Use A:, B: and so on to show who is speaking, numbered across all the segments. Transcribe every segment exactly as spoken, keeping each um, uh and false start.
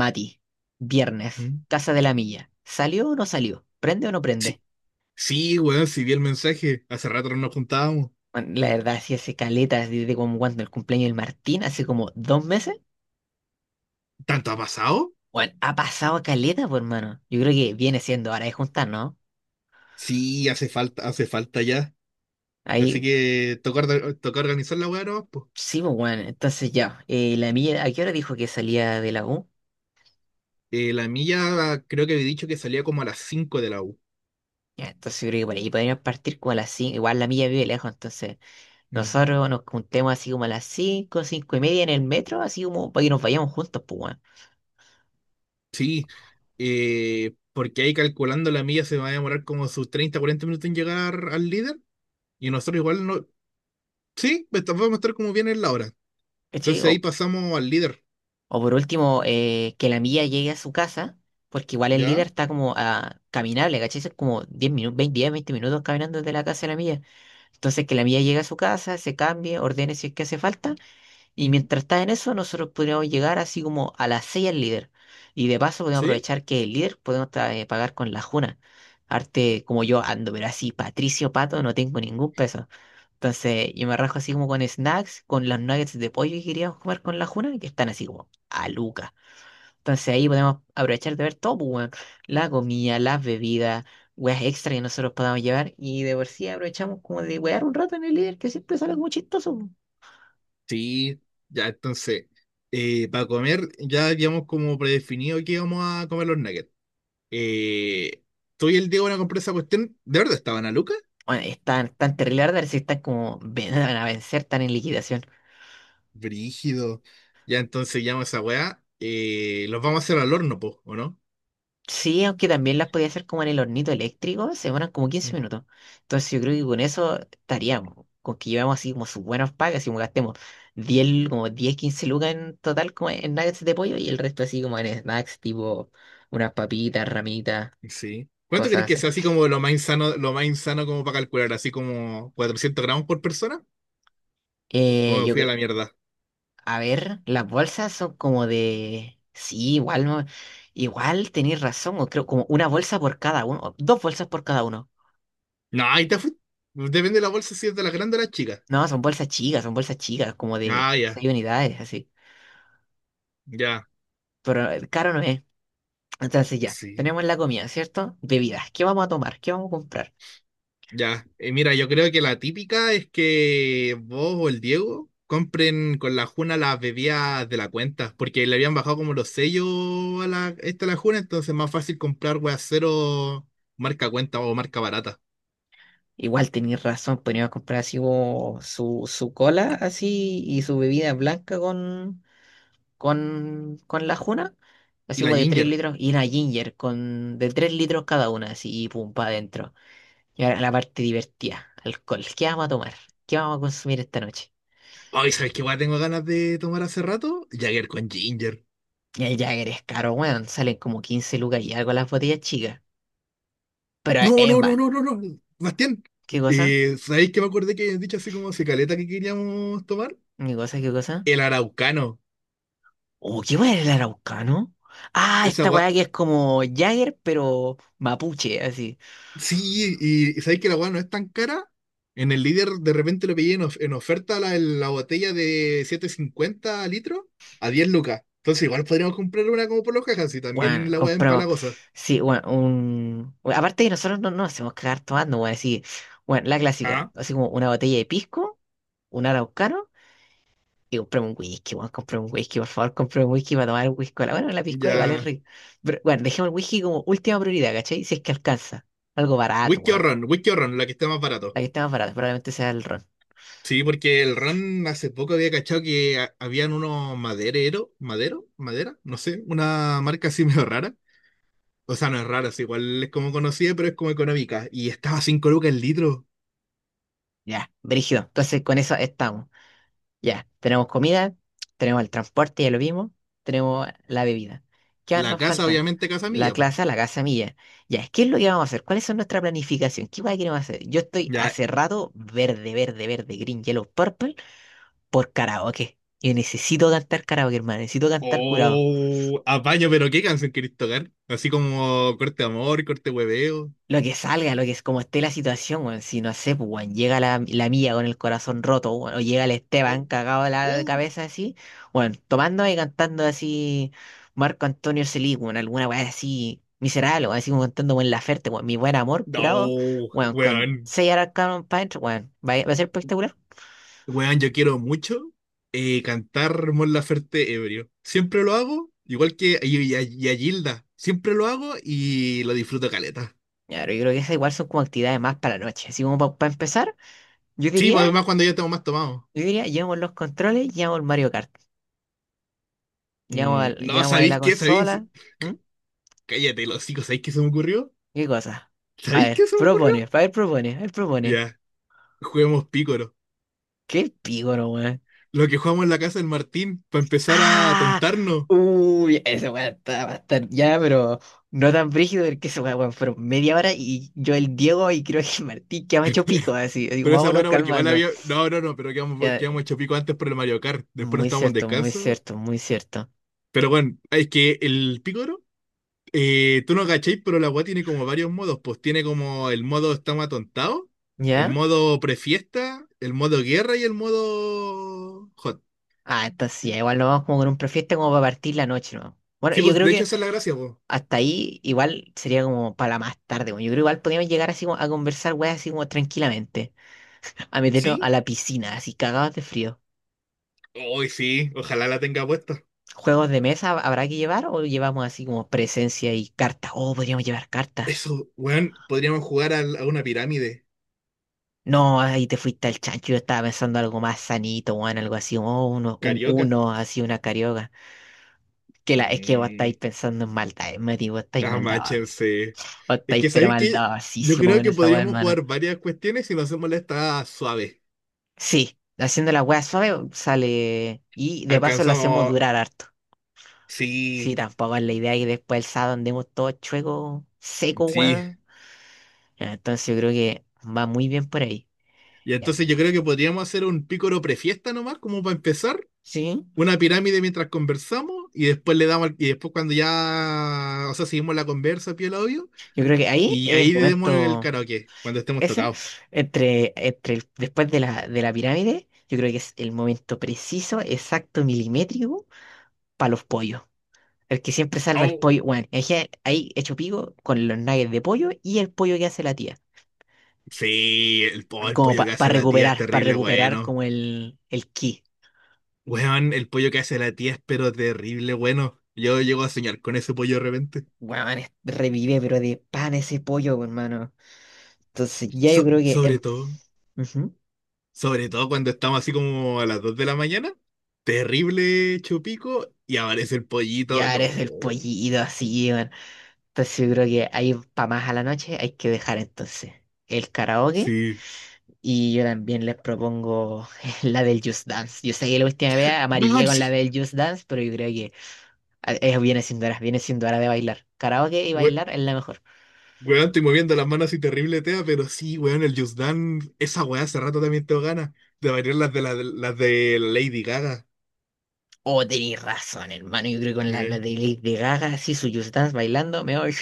A: Mati, viernes,
B: Mm.
A: Casa de la Milla. ¿Salió o no salió? ¿Prende o no prende?
B: Sí, sí, weón, sí vi el mensaje. Hace rato no nos juntábamos.
A: Bueno, la verdad, si hace caleta desde como cuando el cumpleaños del Martín, hace como dos meses.
B: ¿Tanto ha pasado?
A: Bueno, ha pasado a caleta, pues hermano. Yo creo que viene siendo hora de juntar, ¿no?
B: Sí, hace falta, hace falta ya. Así
A: Ahí,
B: que toca, orda- toca organizar la weá nomás, po.
A: sí, pues bueno, entonces ya. Eh, la Milla, ¿a qué hora dijo que salía de la U?
B: Eh, la mía creo que había dicho que salía como a las cinco de la U.
A: Ya, entonces yo creo que por ahí podríamos partir como a las cinco. Igual la Milla vive lejos, entonces
B: Ujú.
A: nosotros nos juntemos así como a las cinco, cinco y media en el metro, así como para que nos vayamos juntos, pues bueno.
B: Sí, eh, porque ahí calculando la milla se va a demorar como sus treinta, cuarenta minutos en llegar al líder. Y nosotros igual no. Sí, pues vamos a estar como bien en la hora.
A: ¿Cachai?
B: Entonces ahí
A: O,
B: pasamos al líder.
A: o por último, eh, que la milla llegue a su casa, porque igual el líder
B: ¿Ya?
A: está como a, caminable, ¿cachai? Son como diez minutos, veinte diez veinte minutos caminando desde la casa de la milla. Entonces, que la milla llegue a su casa, se cambie, ordene si es que hace falta, y
B: Ujú.
A: mientras está en eso, nosotros podríamos llegar así como a las seis al líder. Y de paso podemos
B: ¿Sí?
A: aprovechar que el líder podemos tra- eh, pagar con la juna. Arte como yo ando, pero así, Patricio Pato, no tengo ningún peso. Entonces, yo me rajo así como con snacks, con los nuggets de pollo que queríamos comer con la juna, que están así como a lucas. Entonces ahí podemos aprovechar de ver todo, pues, weón. La comida, las bebidas, weas extra que nosotros podamos llevar. Y de por sí aprovechamos como de wear un rato en el líder, que siempre sale como chistoso. Pues.
B: Sí, ya entonces, eh, para comer ya habíamos como predefinido que íbamos a comer los nuggets. Eh, tú y el Diego van a comprar esa cuestión. ¿De verdad estaban a Luca?
A: Bueno, están tan terrible, la verdad, si están como ven- van a vencer, están en liquidación.
B: Brígido. Ya entonces llamo a esa weá. eh, los vamos a hacer al horno, po, ¿o no?
A: Sí, aunque también las podía hacer como en el hornito eléctrico, se demoran como
B: Mm.
A: quince minutos. Entonces yo creo que con eso estaríamos, con que llevamos así como sus buenos packs, así como gastemos diez como diez quince lucas en total como en nuggets de pollo y el resto así como en snacks, tipo unas papitas, ramitas,
B: Sí. ¿Cuánto crees
A: cosas
B: que
A: así.
B: sea así como lo más insano, lo más insano como para calcular? ¿Así como cuatrocientos gramos por persona? ¿O
A: Eh,
B: me
A: yo
B: fui a
A: creo,
B: la mierda?
A: a ver, las bolsas son como de, sí, igual, no- igual tenéis razón, o creo como una bolsa por cada uno, o dos bolsas por cada uno.
B: No, ahí te fuiste. Depende de la bolsa si es de las grandes o las chicas.
A: No, son bolsas chicas, son bolsas chicas, como de
B: Ah, ya,
A: seis unidades, así.
B: ya.
A: Pero eh, caro no es. Entonces ya,
B: Sí.
A: tenemos la comida, ¿cierto? Bebidas, ¿qué vamos a tomar? ¿Qué vamos a comprar?
B: Ya, Eh, mira, yo creo que la típica es que vos o el Diego compren con la Juna las bebidas de la cuenta, porque le habían bajado como los sellos a la, esta a la Juna, entonces es más fácil comprar weas cero marca cuenta o marca barata.
A: Igual tenéis razón, podríamos comprar así como su, su cola así y su bebida blanca con, con, con la juna,
B: Y
A: así
B: la
A: como de tres
B: Ginger.
A: litros y una ginger con de tres litros cada una, así y pum, para adentro. Y ahora la parte divertida, alcohol. ¿Qué vamos a tomar? ¿Qué vamos a consumir esta noche?
B: Ay, ¿sabes qué wea tengo ganas de tomar hace rato? Jagger con Ginger.
A: Y el Jagger es caro, weón, salen como quince lucas y algo las botellas chicas. Pero eh,
B: No, no, no,
A: Emma
B: no, no, no, Bastián.
A: ¿qué cosa?
B: Eh, ¿sabéis que me acordé que habían dicho así como se caleta que queríamos tomar?
A: ¿Qué cosa? ¿Qué cosa?
B: El Araucano.
A: Oh, ¿qué weá era el araucano? Ah,
B: Esa
A: esta weá
B: gua-
A: que es como Jagger, pero mapuche, así.
B: Sí, y, sabéis que la weá no es tan cara. En el líder de repente lo pillé en, of- en oferta la, la botella de siete cincuenta litros a diez lucas. Entonces igual podríamos comprar una como por los cajas y
A: Bueno,
B: también la weá es
A: compramos.
B: empalagosa.
A: Sí, bueno, un. Bueno, aparte que nosotros no no nos hacemos cagar tomando, weón, así. Bueno, la clásica,
B: Ah,
A: así como una botella de pisco, un araucano, y compramos un whisky, bueno compramos un whisky, por favor, compramos un whisky para tomar un whisky. Bueno, la piscola igual es
B: ya.
A: rica. Pero bueno, dejemos el whisky como última prioridad, ¿cachai? Si es que alcanza. Algo barato,
B: Whisky o
A: bueno.
B: ron, whisky o ron, la que esté más barato.
A: La que esté más barata, probablemente sea el ron.
B: Sí, porque el ron hace poco había cachado que ha- habían unos madereros, madero, madera, no sé, una marca así medio rara. O sea, no es rara, es igual es como conocida, pero es como económica. Y estaba a cinco lucas el litro.
A: Ya, brígido. Entonces, con eso estamos. Ya, tenemos comida, tenemos el transporte, ya lo vimos, tenemos la bebida. ¿Qué más
B: La
A: nos
B: casa,
A: falta?
B: obviamente, Casa
A: La
B: Milla, pues.
A: clase, la casa mía. Ya, ¿qué es lo que vamos a hacer? ¿Cuál es nuestra planificación? ¿Qué más queremos hacer? Yo estoy
B: Ya.
A: hace rato verde, verde, verde, green, yellow, purple por karaoke. Y necesito cantar karaoke, hermano, necesito cantar curado.
B: Oh, apaño, pero qué canción querés tocar. Así como corte amor, corte hueveo.
A: Lo que salga, lo que es como esté la situación, weón. Si no sé, pues, weón, llega la, la mía con el corazón roto, weón, o llega el
B: Oh,
A: Esteban cagado de la
B: oh.
A: cabeza así, bueno, tomando y cantando así Marco Antonio Selig, weón, alguna weá así miserable, weón, así como cantando Buen Laferte, weón, mi buen amor curado,
B: No,
A: bueno, con
B: weón.
A: seis arcanos para adentro, weón, va, a va a ser espectacular.
B: Weón, yo quiero mucho eh, cantar Mon Laferte ebrio. Siempre lo hago, igual que y, y a, y a Gilda. Siempre lo hago y lo disfruto caleta.
A: Ya, pero yo creo que esas igual son como actividades más para la noche. Así como para empezar, yo
B: Sí, pues
A: diría,
B: además cuando ya tengo más tomado.
A: yo diría, llevamos los controles, llevamos el Mario Kart, llevamos,
B: Mm,
A: al-
B: no,
A: llevamos ahí
B: ¿sabéis
A: la
B: qué? ¿Sabéis?
A: consola.
B: Cállate, los chicos, ¿sabéis qué se me ocurrió?
A: ¿Qué cosa? A
B: ¿Sabéis
A: ver,
B: qué se me ocurrió?
A: propone, a ver, propone, a ver, propone.
B: Ya, juguemos pícoro.
A: Qué pígoro, weón.
B: Lo que jugamos en la casa del Martín, para empezar a
A: ¡Ah!
B: tontarnos.
A: Uy, ese weón está- va a estar ya, pero no tan brígido porque ese weón, weón, fueron media hora y yo el Diego y creo que el Martín que me hecho pico, así. Digo,
B: Pero esa
A: vámonos
B: buena, porque igual
A: calmando.
B: había. No, no, no, pero quedamos,
A: Ya,
B: quedamos
A: eh,
B: hecho pico antes por el Mario Kart. Después nos
A: muy
B: estábamos en
A: cierto, muy
B: descanso.
A: cierto, muy cierto.
B: Pero bueno, es que el Picoro, eh, tú no cachéis, pero la weá tiene como varios modos. Pues tiene como el modo estamos atontados, el
A: ¿Ya?
B: modo prefiesta, el modo guerra y el modo hot.
A: Ah, entonces ya, igual nos vamos como con un prefiesta como para partir la noche, ¿no? Bueno,
B: Sí,
A: y yo
B: pues
A: creo
B: de hecho
A: que
B: esa es la gracia, pues.
A: hasta ahí igual sería como para la más tarde, weón. Yo creo que igual podríamos llegar así como a conversar, weón, así como tranquilamente. A meternos a
B: Sí,
A: la piscina, así cagados de frío.
B: hoy sí, ojalá la tenga puesta.
A: ¿Juegos de mesa habrá que llevar o llevamos así como presencia y cartas? Oh, podríamos llevar cartas.
B: Eso, weón, podríamos jugar al- a, una pirámide
A: No, ahí te fuiste al chancho. Yo estaba pensando algo más sanito, weón, algo así, oh, uno, un
B: carioca.
A: uno, así una carioca. Que la, es que vos estáis
B: Mm,
A: pensando en maldad, Mati, vos estáis maldados.
B: amáchense.
A: Vos
B: Es
A: estáis
B: que
A: pero
B: sabéis que yo
A: maldadosísimo
B: creo
A: con
B: que
A: esa weá,
B: podríamos
A: hermano.
B: jugar varias cuestiones si lo hacemos la esta suave.
A: Sí, haciendo la weá suave sale. Y de paso lo hacemos
B: Alcanzamos.
A: durar harto. Sí,
B: Sí,
A: tampoco es la idea que después el sábado andemos todos chuecos, secos,
B: sí.
A: weón. Ya. Entonces yo creo que va muy bien por ahí.
B: Y
A: Ya.
B: entonces yo creo que podríamos hacer un pícoro prefiesta nomás, como para empezar.
A: Sí,
B: Una pirámide mientras conversamos y después le damos. al- Y después cuando ya. O sea, seguimos la conversa, piel obvio.
A: yo creo que ahí
B: Y
A: es el
B: ahí le demos el
A: momento
B: karaoke, cuando estemos
A: ese,
B: tocados.
A: entre, entre el- después de la, de la pirámide, yo creo que es el momento preciso, exacto, milimétrico, para los pollos. El que siempre salva el
B: Oh,
A: pollo, bueno, es que ahí hecho pico con los nuggets de pollo y el pollo que hace la tía.
B: sí, el, po- el
A: Como
B: pollo que hace
A: para
B: la tía es
A: recuperar, para
B: terrible,
A: recuperar
B: bueno.
A: como el, el ki.
B: Weón, el pollo que hace la tía es pero terrible, bueno. Yo llego a soñar con ese pollo de repente.
A: Bueno, revive, pero de pan ese pollo, hermano. Entonces ya yo
B: So-
A: creo que...
B: sobre
A: em,
B: todo,
A: ujú.
B: sobre todo cuando estamos así como a las dos de la mañana. Terrible chupico y aparece el
A: Y
B: pollito. No,
A: ahora es el pollito así, weón. Entonces yo creo que ahí para más a la noche hay que dejar entonces el karaoke.
B: sí.
A: Y yo también les propongo la del Just Dance. Yo sé que la última vez amarillé
B: Weón,
A: con
B: sí.
A: la del Just Dance, pero yo creo que a- es, viene siendo hora, viene siendo hora de bailar. Karaoke y
B: We-
A: bailar es la mejor.
B: weón, estoy moviendo las manos así terrible, tea, pero sí, weón, el Just Dance, esa weá hace rato también tengo ganas de variar las de la, las de Lady Gaga.
A: Oh, tenéis razón, hermano. Yo creo que con la, la
B: Eh,
A: de Lady Gaga, así su Just Dance bailando, me voy.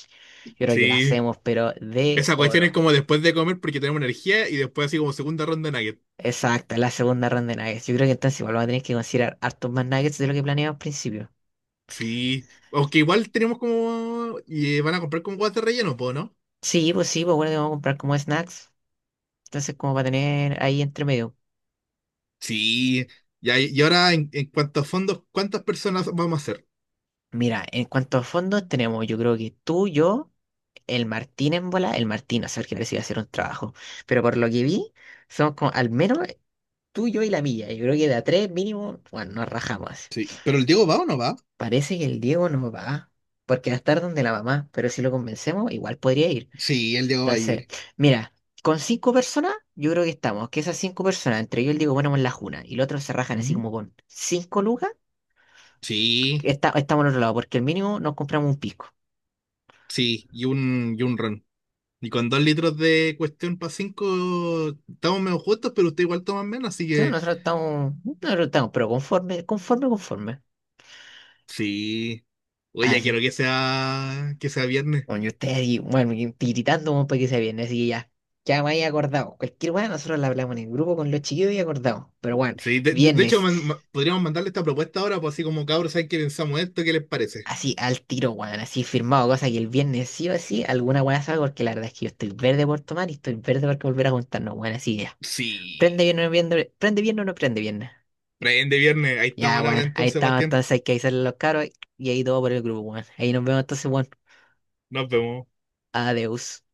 A: Yo creo que la
B: Sí.
A: hacemos, pero de
B: Esa cuestión es
A: oro.
B: como después de comer porque tenemos energía y después así como segunda ronda de nuggets.
A: Exacto, la segunda ronda de nuggets. Yo creo que entonces igual vamos a tener que considerar hartos más nuggets de lo que planeamos al principio.
B: Sí, aunque igual tenemos como. Y eh, van a comprar como guas de relleno, po, ¿no?
A: Sí, pues sí, pues bueno, que vamos a comprar como snacks. Entonces, como para tener ahí entre medio.
B: Sí, y, ahí- y ahora en, en cuanto a fondos, ¿cuántas personas vamos a hacer?
A: Mira, en cuanto a fondos, tenemos, yo creo que tú, yo, el Martín en bola, el Martín, a saber que parece que va a hacer un trabajo. Pero por lo que vi, somos como, al menos tú, yo y la milla. Yo creo que de a tres mínimo, bueno, nos rajamos.
B: Sí, ¿pero el Diego va o no va?
A: Parece que el Diego no va, porque va a estar donde la mamá, pero si lo convencemos, igual podría ir.
B: Sí, el Diego va a
A: Entonces,
B: ir.
A: mira, con cinco personas, yo creo que estamos. Que esas cinco personas, entre yo y el Diego, ponemos la juna y los otros se rajan así
B: Ujú.
A: como con cinco lucas, que
B: Sí,
A: está, estamos al otro lado, porque el mínimo nos compramos un pisco.
B: sí, y un, y un ron. Y con dos litros de cuestión para cinco, estamos menos justos, pero usted igual toma menos, así
A: Sí, bueno,
B: que
A: nosotros estamos, nosotros estamos, pero conforme, conforme, conforme.
B: sí. Oye,
A: Ah,
B: ya
A: sí.
B: quiero que sea, que sea viernes.
A: Bueno, y ustedes ahí, bueno, y tiritando como para que se viene, así que ya. Ya me había acordado. Cualquier weá, nosotros la hablamos en el grupo con los chiquillos y acordamos. Pero bueno,
B: Sí, de, de- de hecho,
A: viernes.
B: man- ma- podríamos mandarle esta propuesta ahora, pues así como cabros, ¿saben qué pensamos esto? ¿Qué les parece?
A: Así al tiro, weón, así firmado, cosa que el viernes sí o sí alguna weá salga, porque la verdad es que yo estoy verde por tomar y estoy verde por volver a juntarnos, weón, así ya. Prende
B: Sí.
A: bien o no prende, prende bien o no prende bien.
B: Prende viernes. Ahí está
A: Ya,
B: mal habla
A: weón, ahí
B: entonces,
A: estamos,
B: Sebastián.
A: entonces hay que avisarle a los caros y ahí todo por el grupo, weón. Ahí nos vemos entonces, weón.
B: Nos vemos.
A: Adiós.